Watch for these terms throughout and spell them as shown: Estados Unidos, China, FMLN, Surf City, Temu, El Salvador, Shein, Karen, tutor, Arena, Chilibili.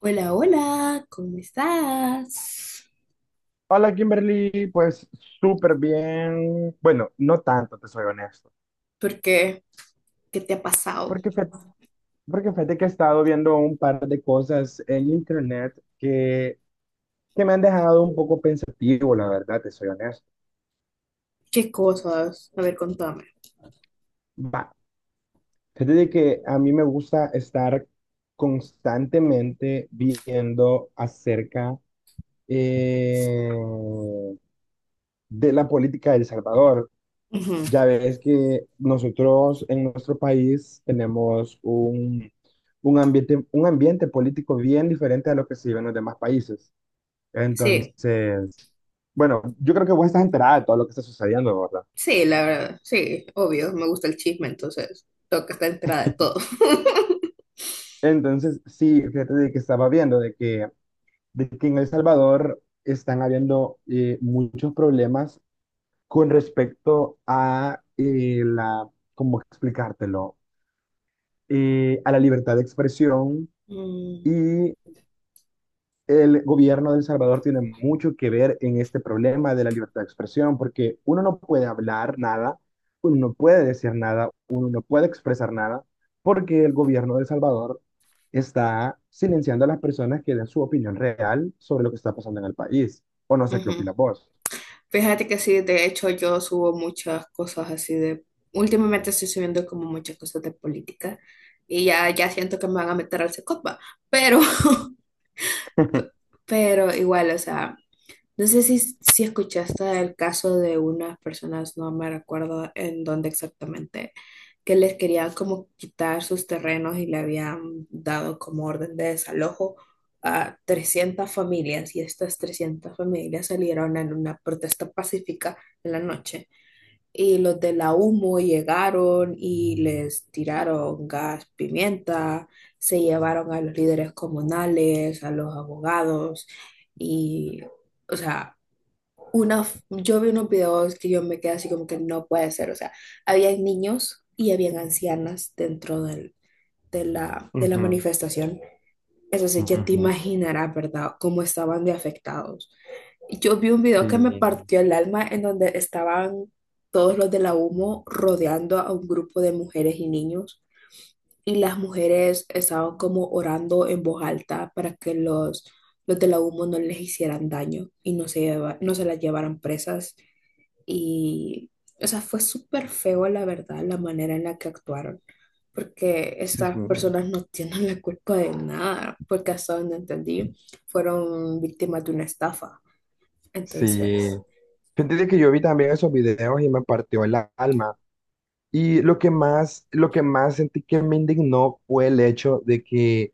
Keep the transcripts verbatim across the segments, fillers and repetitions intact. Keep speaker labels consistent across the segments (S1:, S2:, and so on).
S1: Hola, hola, ¿cómo estás?
S2: Hola Kimberly, pues súper bien. Bueno, no tanto, te soy honesto.
S1: ¿Por qué? ¿Qué te ha pasado?
S2: Porque, fe- porque fíjate que he estado viendo un par de cosas en internet que, que me han dejado un poco pensativo, la verdad, te soy honesto.
S1: ¿Qué cosas? A ver, contame.
S2: Va, fíjate de que a mí me gusta estar constantemente viendo acerca eh, de la política de El Salvador.
S1: Ujú.
S2: Ya ves que nosotros en nuestro país tenemos un, un ambiente, un ambiente político bien diferente a lo que se vive en los demás países.
S1: Sí,
S2: Entonces, bueno, yo creo que vos estás enterada de todo lo que está sucediendo, ¿verdad?
S1: sí, la verdad, sí, obvio, me gusta el chisme, entonces tengo que estar enterada de todo.
S2: Entonces, sí, fíjate de que estaba viendo de que, de que en El Salvador están habiendo eh, muchos problemas con respecto a eh, la, ¿cómo explicártelo? Eh, a la libertad de expresión
S1: Mm,
S2: y el gobierno de El Salvador tiene mucho que ver en este problema de la libertad de expresión, porque uno no puede hablar nada, uno no puede decir nada, uno no puede expresar nada, porque el gobierno de El Salvador está silenciando a las personas que den su opinión real sobre lo que está pasando en el país. O no sé qué
S1: ujú.
S2: opinas vos.
S1: Fíjate que sí, de hecho yo subo muchas cosas así. De... Últimamente estoy subiendo como muchas cosas de política y ya, ya siento que me van a meter al secopa, pero... Pero igual, o sea... No sé si, si escuchaste el caso de unas personas, no me recuerdo en dónde exactamente, que les querían como quitar sus terrenos y le habían dado como orden de desalojo a trescientas familias, y estas trescientas familias salieron en una protesta pacífica en la noche. Y los de la humo llegaron y les tiraron gas, pimienta, se llevaron a los líderes comunales, a los abogados y, o sea, una, f- yo vi unos videos que yo me quedé así como que no puede ser, o sea, había niños y habían ancianas dentro del- de la, de la
S2: Ujú,
S1: manifestación. Entonces ya te
S2: ujú.
S1: imaginarás, ¿verdad?, cómo estaban de afectados. Yo vi un video que me
S2: Sí,
S1: partió el alma en donde estaban todos los de la humo rodeando a un grupo de mujeres y niños, y las mujeres estaban como orando en voz alta para que los, los de la humo no les hicieran daño y no se, lleva- no se las llevaran presas y, o sea, fue súper feo, la verdad, la manera en la que actuaron, porque
S2: sí,
S1: estas personas no tienen la culpa de nada, porque hasta donde entendí, fueron víctimas de una estafa. Entonces,
S2: sí. Fíjate que yo vi también esos videos y me partió el alma. Y lo que más, lo que más sentí que me indignó fue el hecho de que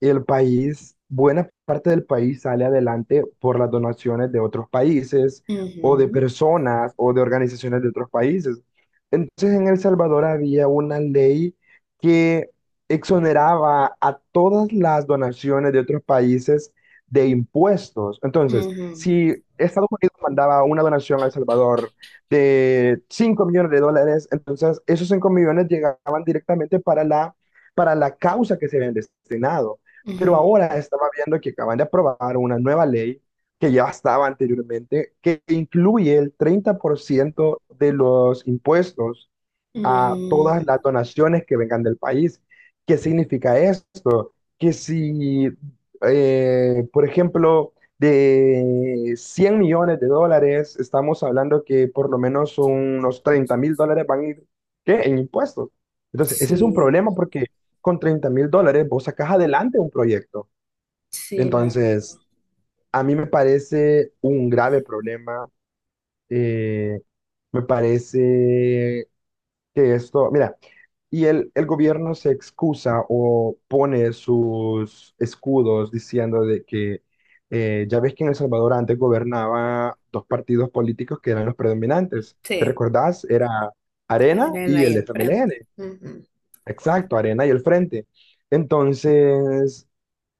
S2: el país, buena parte del país sale adelante por las donaciones de otros países o de
S1: ujú,
S2: personas o de organizaciones de otros países. Entonces en El Salvador había una ley que exoneraba a todas las donaciones de otros países de impuestos. Entonces,
S1: ujú,
S2: si Estados Unidos mandaba una donación a El Salvador de cinco millones de dólares, entonces esos cinco millones llegaban directamente para la, para la causa que se habían destinado. Pero
S1: ujú,
S2: ahora estamos viendo que acaban de aprobar una nueva ley que ya estaba anteriormente, que incluye el treinta por ciento de los impuestos a
S1: mm,
S2: todas las donaciones que vengan del país. ¿Qué significa esto? Que si, eh, por ejemplo, de cien millones de dólares, estamos hablando que por lo menos unos treinta mil dólares van a ir ¿qué? En impuestos. Entonces, ese es un
S1: sí,
S2: problema porque con treinta mil dólares vos sacás adelante un proyecto.
S1: sí, la verdad.
S2: Entonces, a mí me parece un grave problema. eh, Me parece que esto, mira, y el, el gobierno se excusa o pone sus escudos diciendo de que eh, ya ves que en El Salvador antes gobernaba dos partidos políticos que eran los predominantes. ¿Te
S1: Sí,
S2: recordás? Era Arena
S1: eran
S2: y
S1: ahí
S2: el
S1: al frente.
S2: F M L N.
S1: Ujú,
S2: Exacto, Arena y el Frente. Entonces...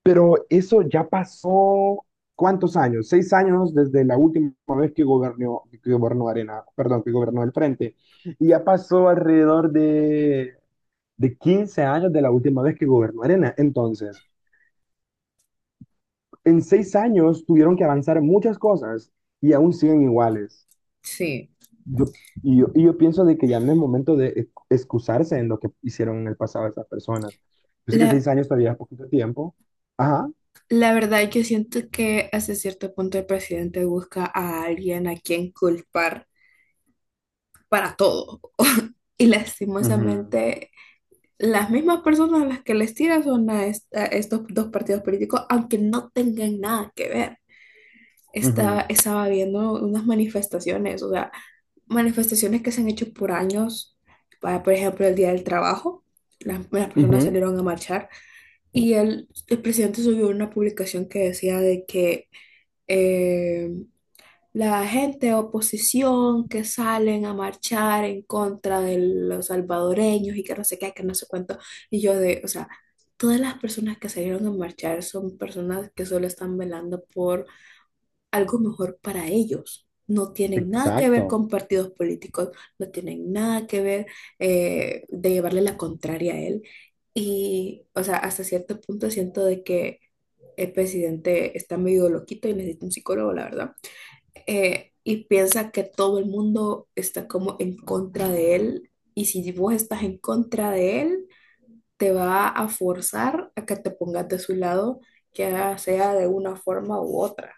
S2: Pero eso ya pasó, ¿cuántos años? Seis años desde la última vez que gobernó, que gobernó Arena, perdón, que gobernó el Frente. Y ya pasó alrededor de, de quince años de la última vez que gobernó Arena. Entonces, en seis años tuvieron que avanzar muchas cosas y aún siguen iguales.
S1: sí.
S2: Yo, y, yo, y yo pienso de que ya no es momento de ex- excusarse en lo que hicieron en el pasado esas personas. Yo sé que
S1: La,
S2: seis años todavía es poquito tiempo. Ajá.
S1: la verdad, yo siento que hasta cierto punto el presidente busca a alguien a quien culpar para todo. Y
S2: Ujú,
S1: lastimosamente, las mismas personas a las que les tiran son a, est- a estos dos partidos políticos, aunque no tengan nada que ver. Estaba,
S2: ujú,
S1: estaba viendo unas manifestaciones, o sea, manifestaciones que se han hecho por años, para, por ejemplo, el Día del Trabajo. Las, las personas
S2: ujú.
S1: salieron a marchar y el, el presidente subió una publicación que decía de que eh, la gente de oposición que salen a marchar en contra de los salvadoreños y que no sé qué, que no sé cuánto. Y yo de, o sea, todas las personas que salieron a marchar son personas que solo están velando por algo mejor para ellos. No tienen nada que ver
S2: Exacto,
S1: con partidos políticos, no tienen nada que ver eh, de llevarle la contraria a él. Y, o sea, hasta cierto punto siento de que el presidente está medio loquito y necesita un psicólogo, la verdad eh, y piensa que todo el mundo está como en contra de él. Y si vos estás en contra de él, te va a forzar a que te pongas de su lado, ya sea de una forma u otra.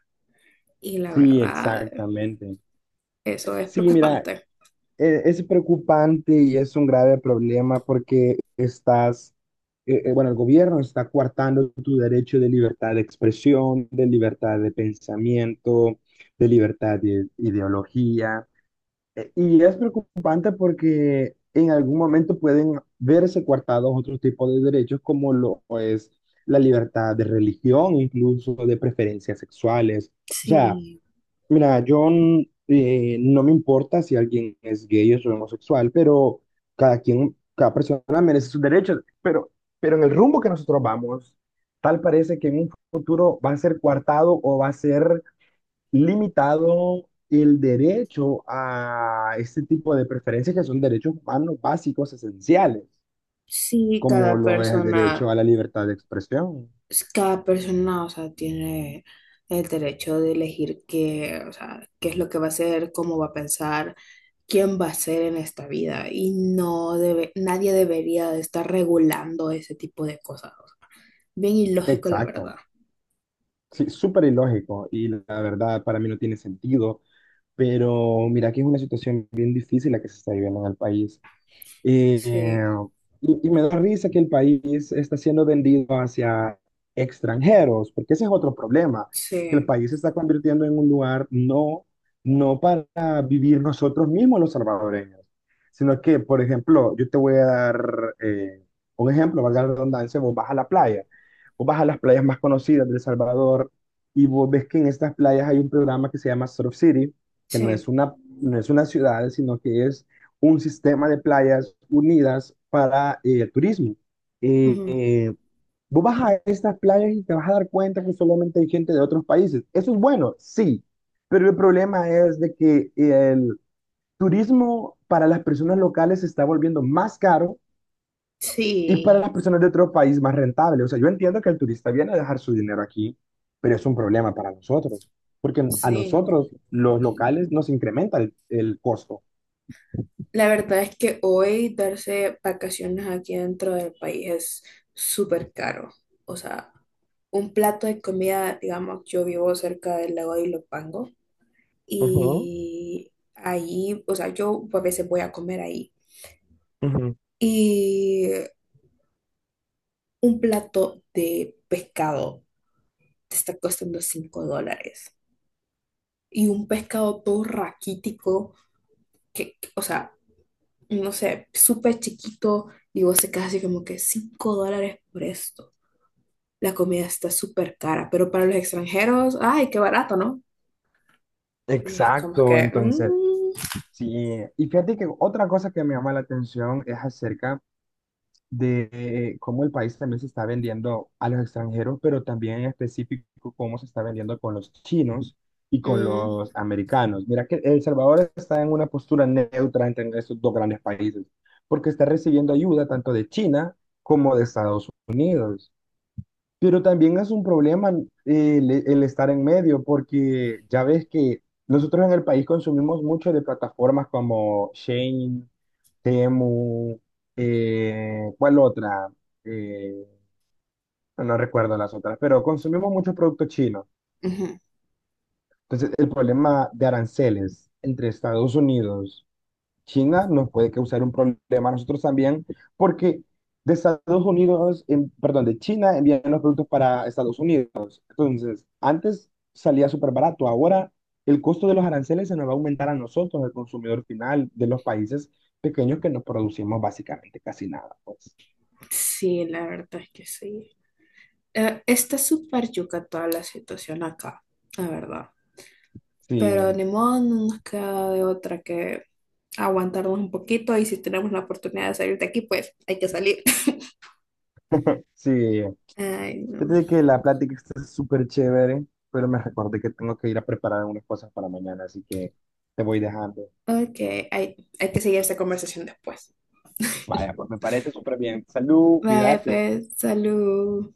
S1: Y la
S2: sí,
S1: verdad,
S2: exactamente.
S1: eso es
S2: Sí, mira,
S1: preocupante.
S2: e- es preocupante y es un grave problema porque estás, eh, eh, bueno, el gobierno está coartando tu derecho de libertad de expresión, de libertad de pensamiento, de libertad de ideología. E- Y es preocupante porque en algún momento pueden verse coartados otros tipos de derechos como lo es la libertad de religión, incluso de preferencias sexuales. O sea,
S1: Sí,
S2: mira, yo n- eh, no me importa si alguien es gay o es homosexual, pero cada quien, cada persona merece sus derechos. Pero, pero en el rumbo que nosotros vamos, tal parece que en un futuro va a ser coartado o va a ser limitado el derecho a este tipo de preferencias que son derechos humanos básicos, esenciales,
S1: sí,
S2: como
S1: cada
S2: lo es el
S1: persona.
S2: derecho a la libertad de expresión.
S1: Es- cada persona, o sea, tiene el derecho de elegir qué, o sea, qué es lo que va a hacer, cómo va a pensar, quién va a ser en esta vida y no debe, nadie debería de estar regulando ese tipo de cosas. Bien ilógico, la
S2: Exacto.
S1: verdad.
S2: Sí, súper ilógico y la verdad para mí no tiene sentido. Pero mira que es una situación bien difícil la que se está viviendo en el país. Eh,
S1: Sí,
S2: y, y me da risa que el país está siendo vendido hacia extranjeros, porque ese es otro problema, que el
S1: sí,
S2: país se está convirtiendo en un lugar no, no para vivir nosotros mismos los salvadoreños, sino que, por ejemplo, yo te voy a dar eh, un ejemplo, valga la redundancia, vos vas a la playa, vos vas a las playas más conocidas de El Salvador y vos ves que en estas playas hay un programa que se llama Surf City, que no
S1: sí.
S2: es una, no es una ciudad, sino que es un sistema de playas unidas para eh, el turismo. Eh,
S1: Ujú.
S2: eh, Vos vas a estas playas y te vas a dar cuenta que solamente hay gente de otros países. Eso es bueno, sí, pero el problema es de que el turismo para las personas locales se está volviendo más caro y para las
S1: Sí,
S2: personas de otro país más rentable. O sea, yo entiendo que el turista viene a dejar su dinero aquí, pero es un problema para nosotros, porque a
S1: sí.
S2: nosotros los locales nos incrementa el, el costo.
S1: La verdad es que hoy darse vacaciones aquí dentro del país es súper caro. O sea, un plato de comida, digamos, yo vivo cerca del lago de Ilopango
S2: Ujú,
S1: y ahí, o sea, yo a veces voy a comer ahí.
S2: ujú.
S1: Y un plato de pescado te está costando cinco dólares. Y un pescado todo raquítico, que, que, o sea, no sé, súper chiquito, y vos te quedas así como que cinco dólares por esto. La comida está súper cara, pero para los extranjeros, ay, qué barato, ¿no? Y es como
S2: Exacto,
S1: que...
S2: entonces,
S1: mm,
S2: sí. Y fíjate que otra cosa que me llama la atención es acerca de eh, cómo el país también se está vendiendo a los extranjeros, pero también en específico cómo se está vendiendo con los chinos y con
S1: mm.
S2: los americanos. Mira que El Salvador está en una postura neutra entre estos dos grandes países, porque está recibiendo ayuda tanto de China como de Estados Unidos. Pero también es un problema eh, el, el estar en medio, porque ya ves que nosotros en el país consumimos mucho de plataformas como Shein, Temu, eh, ¿cuál otra? Eh, no recuerdo las otras, pero consumimos muchos productos chinos.
S1: Ujú.
S2: Entonces, el problema de aranceles entre Estados Unidos China nos puede causar un problema a nosotros también, porque de Estados Unidos, en- perdón, de China envían los productos para Estados Unidos. Entonces, antes salía súper barato, ahora el costo de los aranceles se nos va a aumentar a nosotros, el consumidor final de los países pequeños que nos producimos básicamente casi nada, pues.
S1: Sí, la verdad es que sí. Eh, está súper yuca toda la situación acá, la verdad.
S2: Sí,
S1: Pero ni modo, no nos queda de otra que aguantarnos un poquito y si tenemos la oportunidad de salir de aquí, pues hay que salir.
S2: sí.
S1: Ay, no.
S2: Fíjate que la plática está súper chévere, pero me recordé que tengo que ir a preparar unas cosas para mañana, así que te voy dejando.
S1: Ok, hay, hay que seguir esta conversación después.
S2: Vaya, pues me parece súper bien. Salud,
S1: Vale,
S2: cuídate.
S1: pues, salud.